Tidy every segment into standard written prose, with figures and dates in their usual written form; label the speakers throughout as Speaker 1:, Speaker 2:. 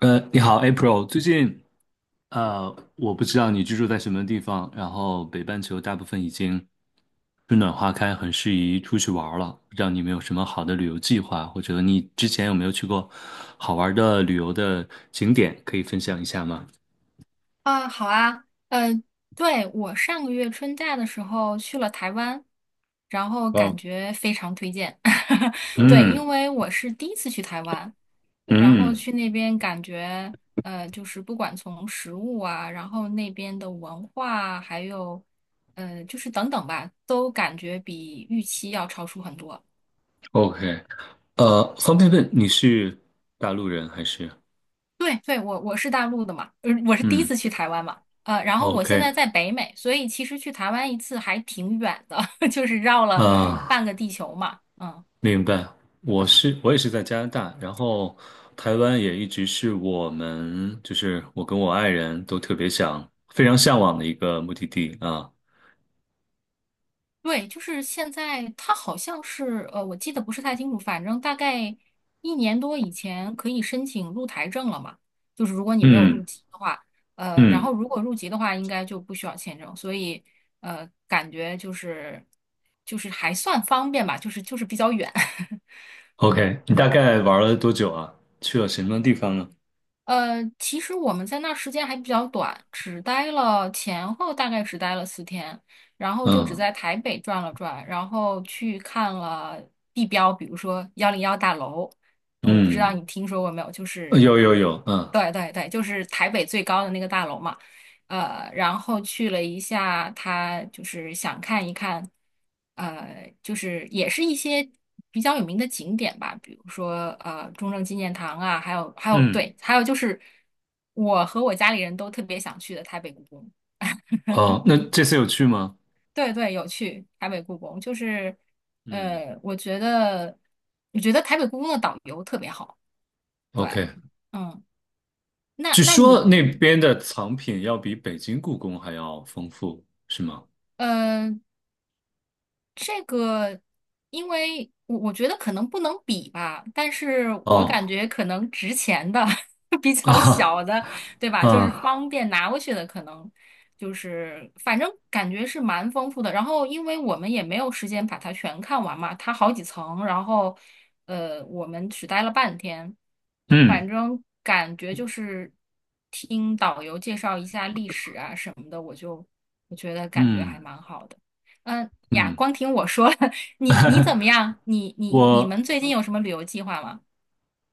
Speaker 1: 你好，April。最近，我不知道你居住在什么地方，然后北半球大部分已经春暖花开，很适宜出去玩儿了。不知道你们有什么好的旅游计划，或者你之前有没有去过好玩儿的旅游的景点，可以分享一下吗？
Speaker 2: 啊，好啊，呃，对，我上个月春假的时候去了台湾，然后感
Speaker 1: 哦，
Speaker 2: 觉非常推荐。对，
Speaker 1: 嗯
Speaker 2: 因为我是第一次去台湾，然后
Speaker 1: 嗯
Speaker 2: 去那边感觉，就是不管从食物啊，然后那边的文化啊还有，就是等等吧，都感觉比预期要超出很多。
Speaker 1: ，OK。方便问你是大陆人还是？
Speaker 2: 对对，我是大陆的嘛，我是第一
Speaker 1: 嗯
Speaker 2: 次去台湾嘛，然后我现
Speaker 1: ，OK。
Speaker 2: 在在北美，所以其实去台湾一次还挺远的，就是绕了
Speaker 1: 啊，
Speaker 2: 半个地球嘛，嗯，
Speaker 1: 明白，我也是在加拿大，然后台湾也一直是我们，就是我跟我爱人都特别想、非常向往的一个目的地啊。
Speaker 2: 对，就是现在它好像是，我记得不是太清楚，反正大概一年多以前可以申请入台证了嘛，就是如果你没有入
Speaker 1: 嗯
Speaker 2: 籍的话，然
Speaker 1: 嗯
Speaker 2: 后如果入籍的话，应该就不需要签证，所以感觉就是还算方便吧，就是比较远，嗯。
Speaker 1: ，OK,你大概玩了多久啊？去了什么地方呢？
Speaker 2: 其实我们在那儿时间还比较短，只待了前后大概只待了4天，然后就只
Speaker 1: 嗯
Speaker 2: 在台北转了转，然后去看了地标，比如说101大楼，我不知道
Speaker 1: 嗯，
Speaker 2: 你听说过没有，就是，
Speaker 1: 有有有，嗯
Speaker 2: 对对对，就是台北最高的那个大楼嘛。然后去了一下，他就是想看一看，就是也是一些比较有名的景点吧，比如说中正纪念堂啊，还有
Speaker 1: 嗯，
Speaker 2: 对，还有就是我和我家里人都特别想去的台北故宫。
Speaker 1: 哦，那这次有去吗？
Speaker 2: 对对，有去台北故宫，就是
Speaker 1: 嗯
Speaker 2: 呃，我觉得我觉得台北故宫的导游特别好。对，
Speaker 1: ，OK,
Speaker 2: 嗯，那
Speaker 1: 据
Speaker 2: 那
Speaker 1: 说
Speaker 2: 你
Speaker 1: 那边的藏品要比北京故宫还要丰富，是吗？
Speaker 2: 嗯。这个，因为我觉得可能不能比吧，但是我感
Speaker 1: 哦
Speaker 2: 觉可能值钱的 比 较
Speaker 1: 啊
Speaker 2: 小的，对吧？就是
Speaker 1: 啊
Speaker 2: 方便拿过去的，可能就是反正感觉是蛮丰富的。然后，因为我们也没有时间把它全看完嘛，它好几层，然后我们只待了半天，
Speaker 1: 嗯。
Speaker 2: 反正感觉就是听导游介绍一下历史啊什么的，我觉得感觉还
Speaker 1: 嗯
Speaker 2: 蛮好的。嗯呀，
Speaker 1: 嗯，
Speaker 2: 光听我说，你怎么样？你 你你
Speaker 1: 我
Speaker 2: 们最近有什么旅游计划吗？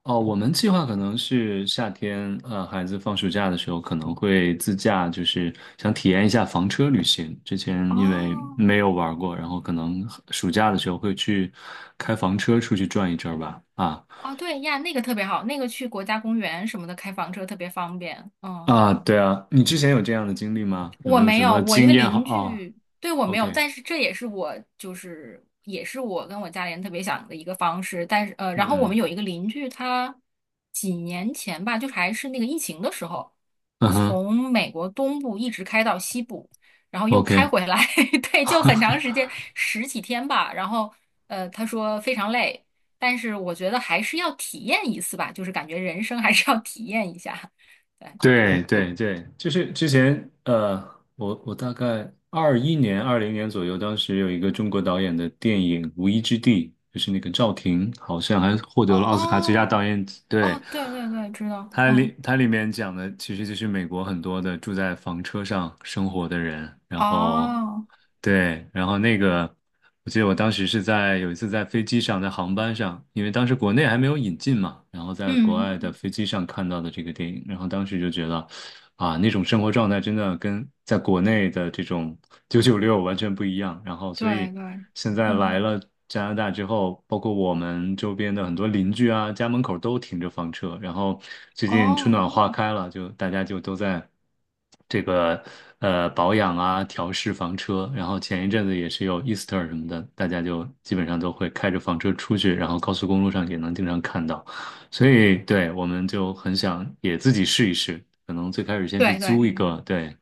Speaker 1: 哦，我们计划可能是夏天，孩子放暑假的时候可能会自驾，就是想体验一下房车旅行。之前因为没
Speaker 2: 哦
Speaker 1: 有玩过，然后可能暑假的时候会去开房车出去转一阵吧。啊
Speaker 2: 哦，对呀，那个特别好，那个去国家公园什么的开房车特别方便。嗯。
Speaker 1: 啊，对啊，你之前有这样的经历吗？有
Speaker 2: 我
Speaker 1: 没有
Speaker 2: 没
Speaker 1: 什
Speaker 2: 有，
Speaker 1: 么
Speaker 2: 我一
Speaker 1: 经
Speaker 2: 个
Speaker 1: 验好？
Speaker 2: 邻
Speaker 1: 啊
Speaker 2: 居对我没有，
Speaker 1: ？OK,
Speaker 2: 但是这也是我就是也是我跟我家里人特别想的一个方式。但是然后我们
Speaker 1: 嗯
Speaker 2: 有一个邻居，他几年前吧，就还是那个疫情的时候，
Speaker 1: 嗯哼。
Speaker 2: 从美国东部一直开到西部，然后又开
Speaker 1: OK,
Speaker 2: 回来，对，就很长时间，10几天吧。然后他说非常累，但是我觉得还是要体验一次吧，就是感觉人生还是要体验一下。对。
Speaker 1: 对对对，就是之前我大概21年、20年左右，当时有一个中国导演的电影《无依之地》，就是那个赵婷，好像还获得了奥斯卡最佳导
Speaker 2: 哦，
Speaker 1: 演。对，
Speaker 2: 哦，对对对，知道，嗯，
Speaker 1: 它里面讲的其实就是美国很多的住在房车上生活的人，然后
Speaker 2: 哦，
Speaker 1: 对，然后那个我记得我当时是在有一次在飞机上，在航班上，因为当时国内还没有引进嘛，然后在国
Speaker 2: 嗯，
Speaker 1: 外的飞机上看到的这个电影，然后当时就觉得。啊，那种生活状态真的跟在国内的这种996完全不一样。然后，所
Speaker 2: 对
Speaker 1: 以
Speaker 2: 对，
Speaker 1: 现在来
Speaker 2: 嗯，
Speaker 1: 了加拿大之后，包括我们周边的很多邻居啊，家门口都停着房车。然后最近春
Speaker 2: 哦，
Speaker 1: 暖花开了，就大家就都在这个保养啊，调试房车。然后前一阵子也是有 Easter 什么的，大家就基本上都会开着房车出去，然后高速公路上也能经常看到。所以对，我们就很想也自己试一试，可能最开始先去
Speaker 2: 对
Speaker 1: 租
Speaker 2: 对
Speaker 1: 一个，对，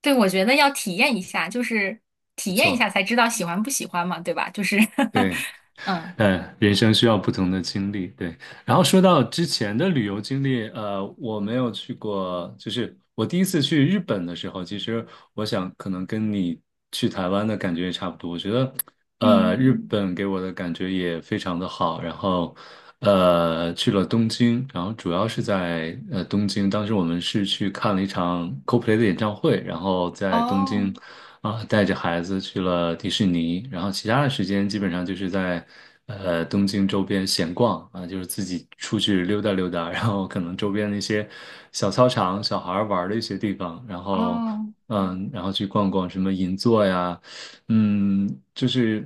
Speaker 2: 对，我觉得要体验一下，就是
Speaker 1: 没
Speaker 2: 体验一下
Speaker 1: 错，
Speaker 2: 才知道喜欢不喜欢嘛，对吧？就是
Speaker 1: 对，
Speaker 2: 嗯
Speaker 1: 嗯，人生需要不同的经历，对。然后说到之前的旅游经历，我没有去过，就是我第一次去日本的时候，其实我想可能跟你去台湾的感觉也差不多。我觉得，
Speaker 2: 嗯，
Speaker 1: 日本给我的感觉也非常的好。然后，去了东京，然后主要是在东京，当时我们是去看了一场 Coldplay 的演唱会，然后在东
Speaker 2: 哦
Speaker 1: 京。啊，带着孩子去了迪士尼，然后其他的时间基本上就是在东京周边闲逛啊，就是自己出去溜达溜达，然后可能周边的一些小操场、小孩儿玩儿的一些地方，然后
Speaker 2: 哦
Speaker 1: 嗯，然后去逛逛什么银座呀，嗯，就是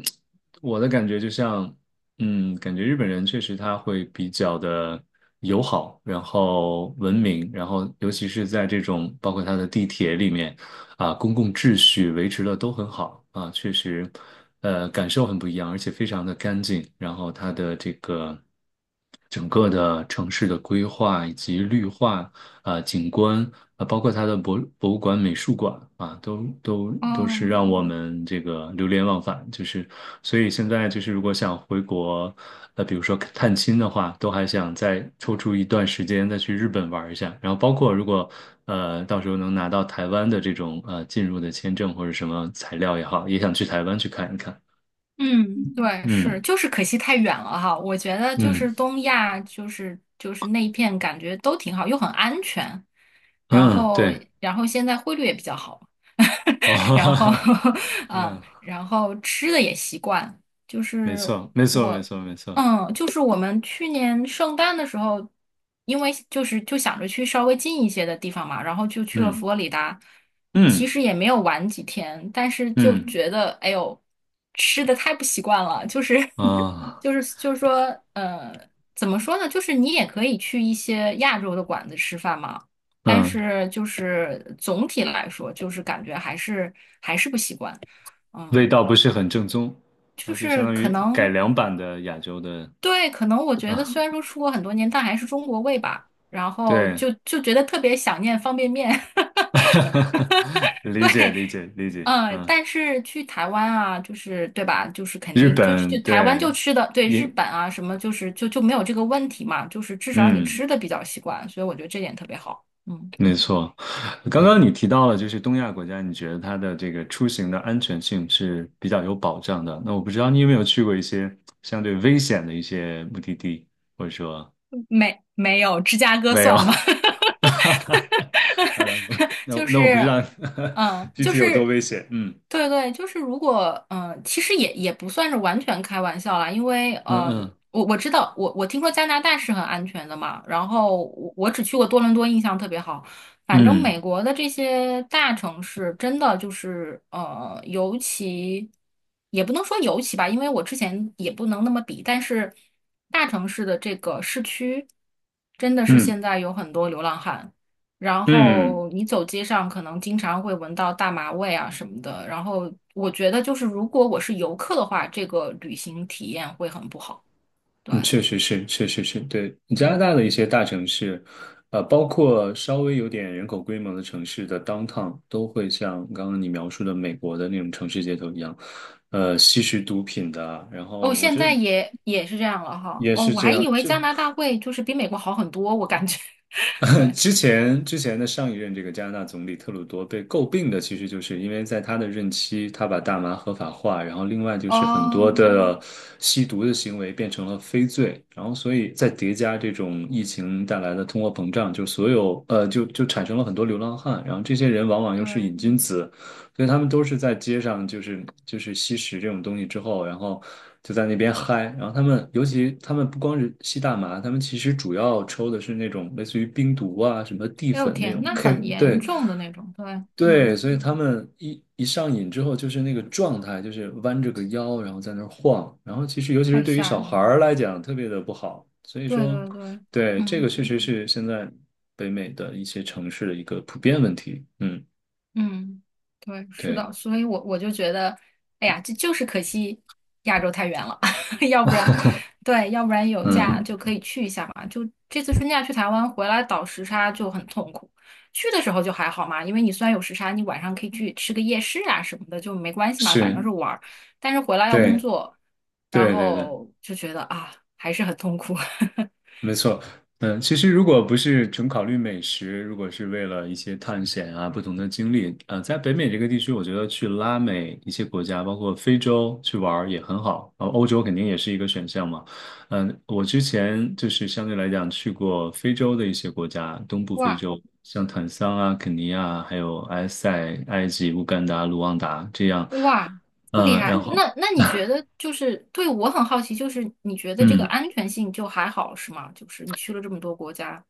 Speaker 1: 我的感觉就像，感觉日本人确实他会比较的友好，然后文明，然后尤其是在这种包括他的地铁里面。啊，公共秩序维持的都很好啊，确实，感受很不一样，而且非常的干净。然后它的这个整个的城市的规划以及绿化啊，景观啊，包括它的博物馆、美术馆啊，都是
Speaker 2: 哦，
Speaker 1: 让我们这个流连忘返。就是，所以现在就是如果想回国，比如说探亲的话，都还想再抽出一段时间再去日本玩一下。然后包括如果到时候能拿到台湾的这种进入的签证或者什么材料也好，也想去台湾去看一看。
Speaker 2: 嗯，对，是，
Speaker 1: 嗯
Speaker 2: 就是可惜太远了哈。我觉得就是
Speaker 1: 嗯
Speaker 2: 东亚，就是那一片感觉都挺好，又很安全，然
Speaker 1: 嗯，
Speaker 2: 后
Speaker 1: 对，
Speaker 2: 然后现在汇率也比较好，
Speaker 1: 哦，哈
Speaker 2: 然
Speaker 1: 哈
Speaker 2: 后
Speaker 1: 哈，
Speaker 2: 嗯，
Speaker 1: 嗯，
Speaker 2: 然后吃的也习惯，就
Speaker 1: 没
Speaker 2: 是。
Speaker 1: 错，没错，没
Speaker 2: 我。
Speaker 1: 错，没错，
Speaker 2: 嗯，就是我们去年圣诞的时候，因为就是就想着去稍微近一些的地方嘛，然后就去了
Speaker 1: 嗯
Speaker 2: 佛罗里达，其
Speaker 1: 嗯
Speaker 2: 实也没有玩几天，但是就
Speaker 1: 嗯
Speaker 2: 觉得哎呦，吃的太不习惯了，就是
Speaker 1: 啊。
Speaker 2: 就是说，呃，怎么说呢？就是你也可以去一些亚洲的馆子吃饭嘛，但
Speaker 1: 嗯，
Speaker 2: 是就是总体来说，就是感觉还是不习惯，
Speaker 1: 味
Speaker 2: 嗯。
Speaker 1: 道不是很正宗，
Speaker 2: 就
Speaker 1: 那就相
Speaker 2: 是
Speaker 1: 当于
Speaker 2: 可
Speaker 1: 改
Speaker 2: 能
Speaker 1: 良版的亚洲的
Speaker 2: 对，可能我觉得
Speaker 1: 啊，
Speaker 2: 虽然说出国很多年，但还是中国味吧。然后
Speaker 1: 对，
Speaker 2: 就觉得特别想念方便面，
Speaker 1: 理解理 解理解，
Speaker 2: 嗯，
Speaker 1: 嗯，
Speaker 2: 但是去台湾啊，就是对吧？就是肯
Speaker 1: 日
Speaker 2: 定就去
Speaker 1: 本
Speaker 2: 台湾
Speaker 1: 对，
Speaker 2: 就吃的，对日
Speaker 1: 也
Speaker 2: 本啊什么，就是没有这个问题嘛，就是至少你
Speaker 1: 嗯，
Speaker 2: 吃的比较习惯，所以我觉得这点特别好。嗯，
Speaker 1: 没错。刚刚你提到了，就是东亚国家，你觉得它的这个出行的安全性是比较有保障的。那我不知道你有没有去过一些相对危险的一些目的地，或者说
Speaker 2: 没有芝加哥
Speaker 1: 没有？
Speaker 2: 算吗？
Speaker 1: 嗯，那
Speaker 2: 就
Speaker 1: 那我不知
Speaker 2: 是，
Speaker 1: 道
Speaker 2: 嗯，
Speaker 1: 具
Speaker 2: 就
Speaker 1: 体有多
Speaker 2: 是，
Speaker 1: 危险。嗯。
Speaker 2: 对对，就是如果，嗯，其实也不算是完全开玩笑啦，因为，嗯，呃
Speaker 1: 嗯
Speaker 2: 我知道，我听说加拿大是很安全的嘛，然后我只去过多伦多，印象特别好。反正美
Speaker 1: 嗯
Speaker 2: 国的这些大城市，真的就是，也不能说尤其吧，因为我之前也不能那么比，但是大城市的这个市区，真的是
Speaker 1: 嗯
Speaker 2: 现在有很多流浪汉。然
Speaker 1: 嗯
Speaker 2: 后你走街上可能经常会闻到大麻味啊什么的。然后我觉得就是如果我是游客的话，这个旅行体验会很不好。对，
Speaker 1: 嗯，确实是，确实是，对，加拿
Speaker 2: 嗯，
Speaker 1: 大的一些大城市，包括稍微有点人口规模的城市的 downtown,都会像刚刚你描述的美国的那种城市街头一样，吸食毒品的啊然后
Speaker 2: 哦，
Speaker 1: 我
Speaker 2: 现
Speaker 1: 觉得
Speaker 2: 在也也是这样了哈。
Speaker 1: 也
Speaker 2: 哦，
Speaker 1: 是
Speaker 2: 我
Speaker 1: 这
Speaker 2: 还
Speaker 1: 样，
Speaker 2: 以为
Speaker 1: 就。
Speaker 2: 加拿大会就是比美国好很多，我感觉。对，
Speaker 1: 之前的上一任这个加拿大总理特鲁多被诟病的，其实就是因为在他的任期，他把大麻合法化，然后另外就是很多
Speaker 2: 哦，
Speaker 1: 的吸毒的行为变成了非罪，然后所以再叠加这种疫情带来的通货膨胀，就所有就产生了很多流浪汉，然后这些人往往又是
Speaker 2: 对，
Speaker 1: 瘾君子，所以他们都是在街上，就是吸食这种东西之后，然后就在那边嗨。然后他们，尤其他们不光是吸大麻，他们其实主要抽的是那种类似于冰毒啊、什么地
Speaker 2: 哎呦
Speaker 1: 粉那
Speaker 2: 天，
Speaker 1: 种
Speaker 2: 那
Speaker 1: K。
Speaker 2: 很严
Speaker 1: 对
Speaker 2: 重的那种。对，
Speaker 1: 对，
Speaker 2: 嗯，
Speaker 1: 所以他们一上瘾之后，就是那个状态，就是弯着个腰，然后在那儿晃。然后其实，尤其是
Speaker 2: 太
Speaker 1: 对于
Speaker 2: 吓
Speaker 1: 小
Speaker 2: 人
Speaker 1: 孩
Speaker 2: 了。
Speaker 1: 儿来讲，特别的不好。所以
Speaker 2: 对
Speaker 1: 说，
Speaker 2: 对对，
Speaker 1: 对，这个
Speaker 2: 嗯。
Speaker 1: 确实是现在北美的一些城市的一个普遍问题。嗯，
Speaker 2: 嗯，对，是
Speaker 1: 对，
Speaker 2: 的，所以我就觉得，哎呀，这就是可惜亚洲太远了，要不然，对，要不然有假
Speaker 1: 嗯，
Speaker 2: 就可以去一下嘛。就这次春假去台湾回来倒时差就很痛苦，去的时候就还好嘛，因为你虽然有时差，你晚上可以去吃个夜市啊什么的，就没关系嘛，反正
Speaker 1: 是。
Speaker 2: 是玩儿。但是回来要工
Speaker 1: 对
Speaker 2: 作，然
Speaker 1: 对对对，
Speaker 2: 后就觉得啊，还是很痛苦。
Speaker 1: 没错。嗯，其实如果不是纯考虑美食，如果是为了一些探险啊、不同的经历，在北美这个地区，我觉得去拉美一些国家，包括非洲去玩儿也很好。欧洲肯定也是一个选项嘛。嗯，我之前就是相对来讲去过非洲的一些国家，东部非
Speaker 2: 哇，
Speaker 1: 洲，像坦桑啊、肯尼亚，还有埃塞、埃及、乌干达、卢旺达这样。
Speaker 2: 哇，这么厉
Speaker 1: 呃，然
Speaker 2: 害！
Speaker 1: 后
Speaker 2: 那你觉得就是对我很好奇，就是你觉得这个
Speaker 1: 嗯。
Speaker 2: 安全性就还好是吗？就是你去了这么多国家，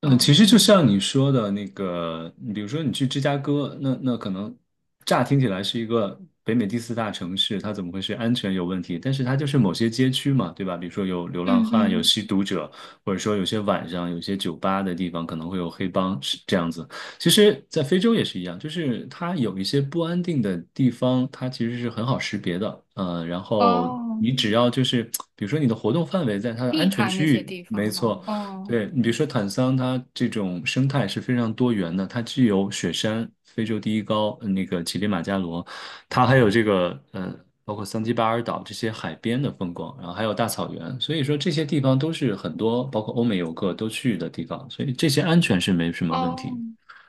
Speaker 1: 嗯，其
Speaker 2: 嗯
Speaker 1: 实就像你说的那个，你比如说你去芝加哥，那可能乍听起来是一个北美第四大城市，它怎么会是安全有问题？但是它就是某些街区嘛，对吧？比如说有流浪
Speaker 2: 嗯
Speaker 1: 汉、有
Speaker 2: 嗯，
Speaker 1: 吸毒者，或者说有些晚上有些酒吧的地方可能会有黑帮，是这样子。其实，在非洲也是一样，就是它有一些不安定的地方，它其实是很好识别的。然后
Speaker 2: 哦，
Speaker 1: 你只要就是，比如说你的活动范围在它的安
Speaker 2: 避
Speaker 1: 全
Speaker 2: 开那
Speaker 1: 区
Speaker 2: 些
Speaker 1: 域，
Speaker 2: 地
Speaker 1: 没
Speaker 2: 方哈，
Speaker 1: 错。
Speaker 2: 哦
Speaker 1: 对，你比如说坦桑，它这种生态是非常多元的，它既有雪山、非洲第一高，那个乞力马扎罗，它还有这个包括桑基巴尔岛这些海边的风光，然后还有大草原，所以说这些地方都是很多包括欧美游客都去的地方，所以这些安全是没什么问
Speaker 2: 哦，
Speaker 1: 题。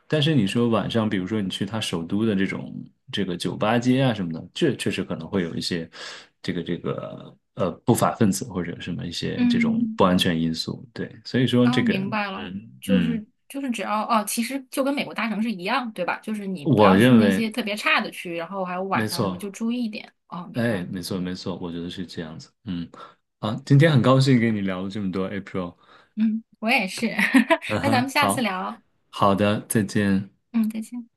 Speaker 1: 但是你说晚上，比如说你去他首都的这种这个酒吧街啊什么的，这确实可能会有一些这个不法分子或者什么一些这种
Speaker 2: 嗯，
Speaker 1: 不安全因素。对，所以说
Speaker 2: 啊，
Speaker 1: 这个
Speaker 2: 明白了，
Speaker 1: 嗯
Speaker 2: 就
Speaker 1: 嗯，
Speaker 2: 是就是只要哦，其实就跟美国大城市一样，对吧？就是你不
Speaker 1: 我
Speaker 2: 要去
Speaker 1: 认
Speaker 2: 那些
Speaker 1: 为
Speaker 2: 特别差的区，然后还有
Speaker 1: 没
Speaker 2: 晚上什么
Speaker 1: 错，
Speaker 2: 就注意一点。哦，明白
Speaker 1: 哎，
Speaker 2: 了
Speaker 1: 没错没错，我觉得是这样子。嗯，啊，今天很高兴跟你聊了这么多，April。
Speaker 2: 嗯，我也是，
Speaker 1: 嗯
Speaker 2: 那咱
Speaker 1: 哼，
Speaker 2: 们下次
Speaker 1: 好
Speaker 2: 聊，
Speaker 1: 好的，再见。
Speaker 2: 嗯，再见。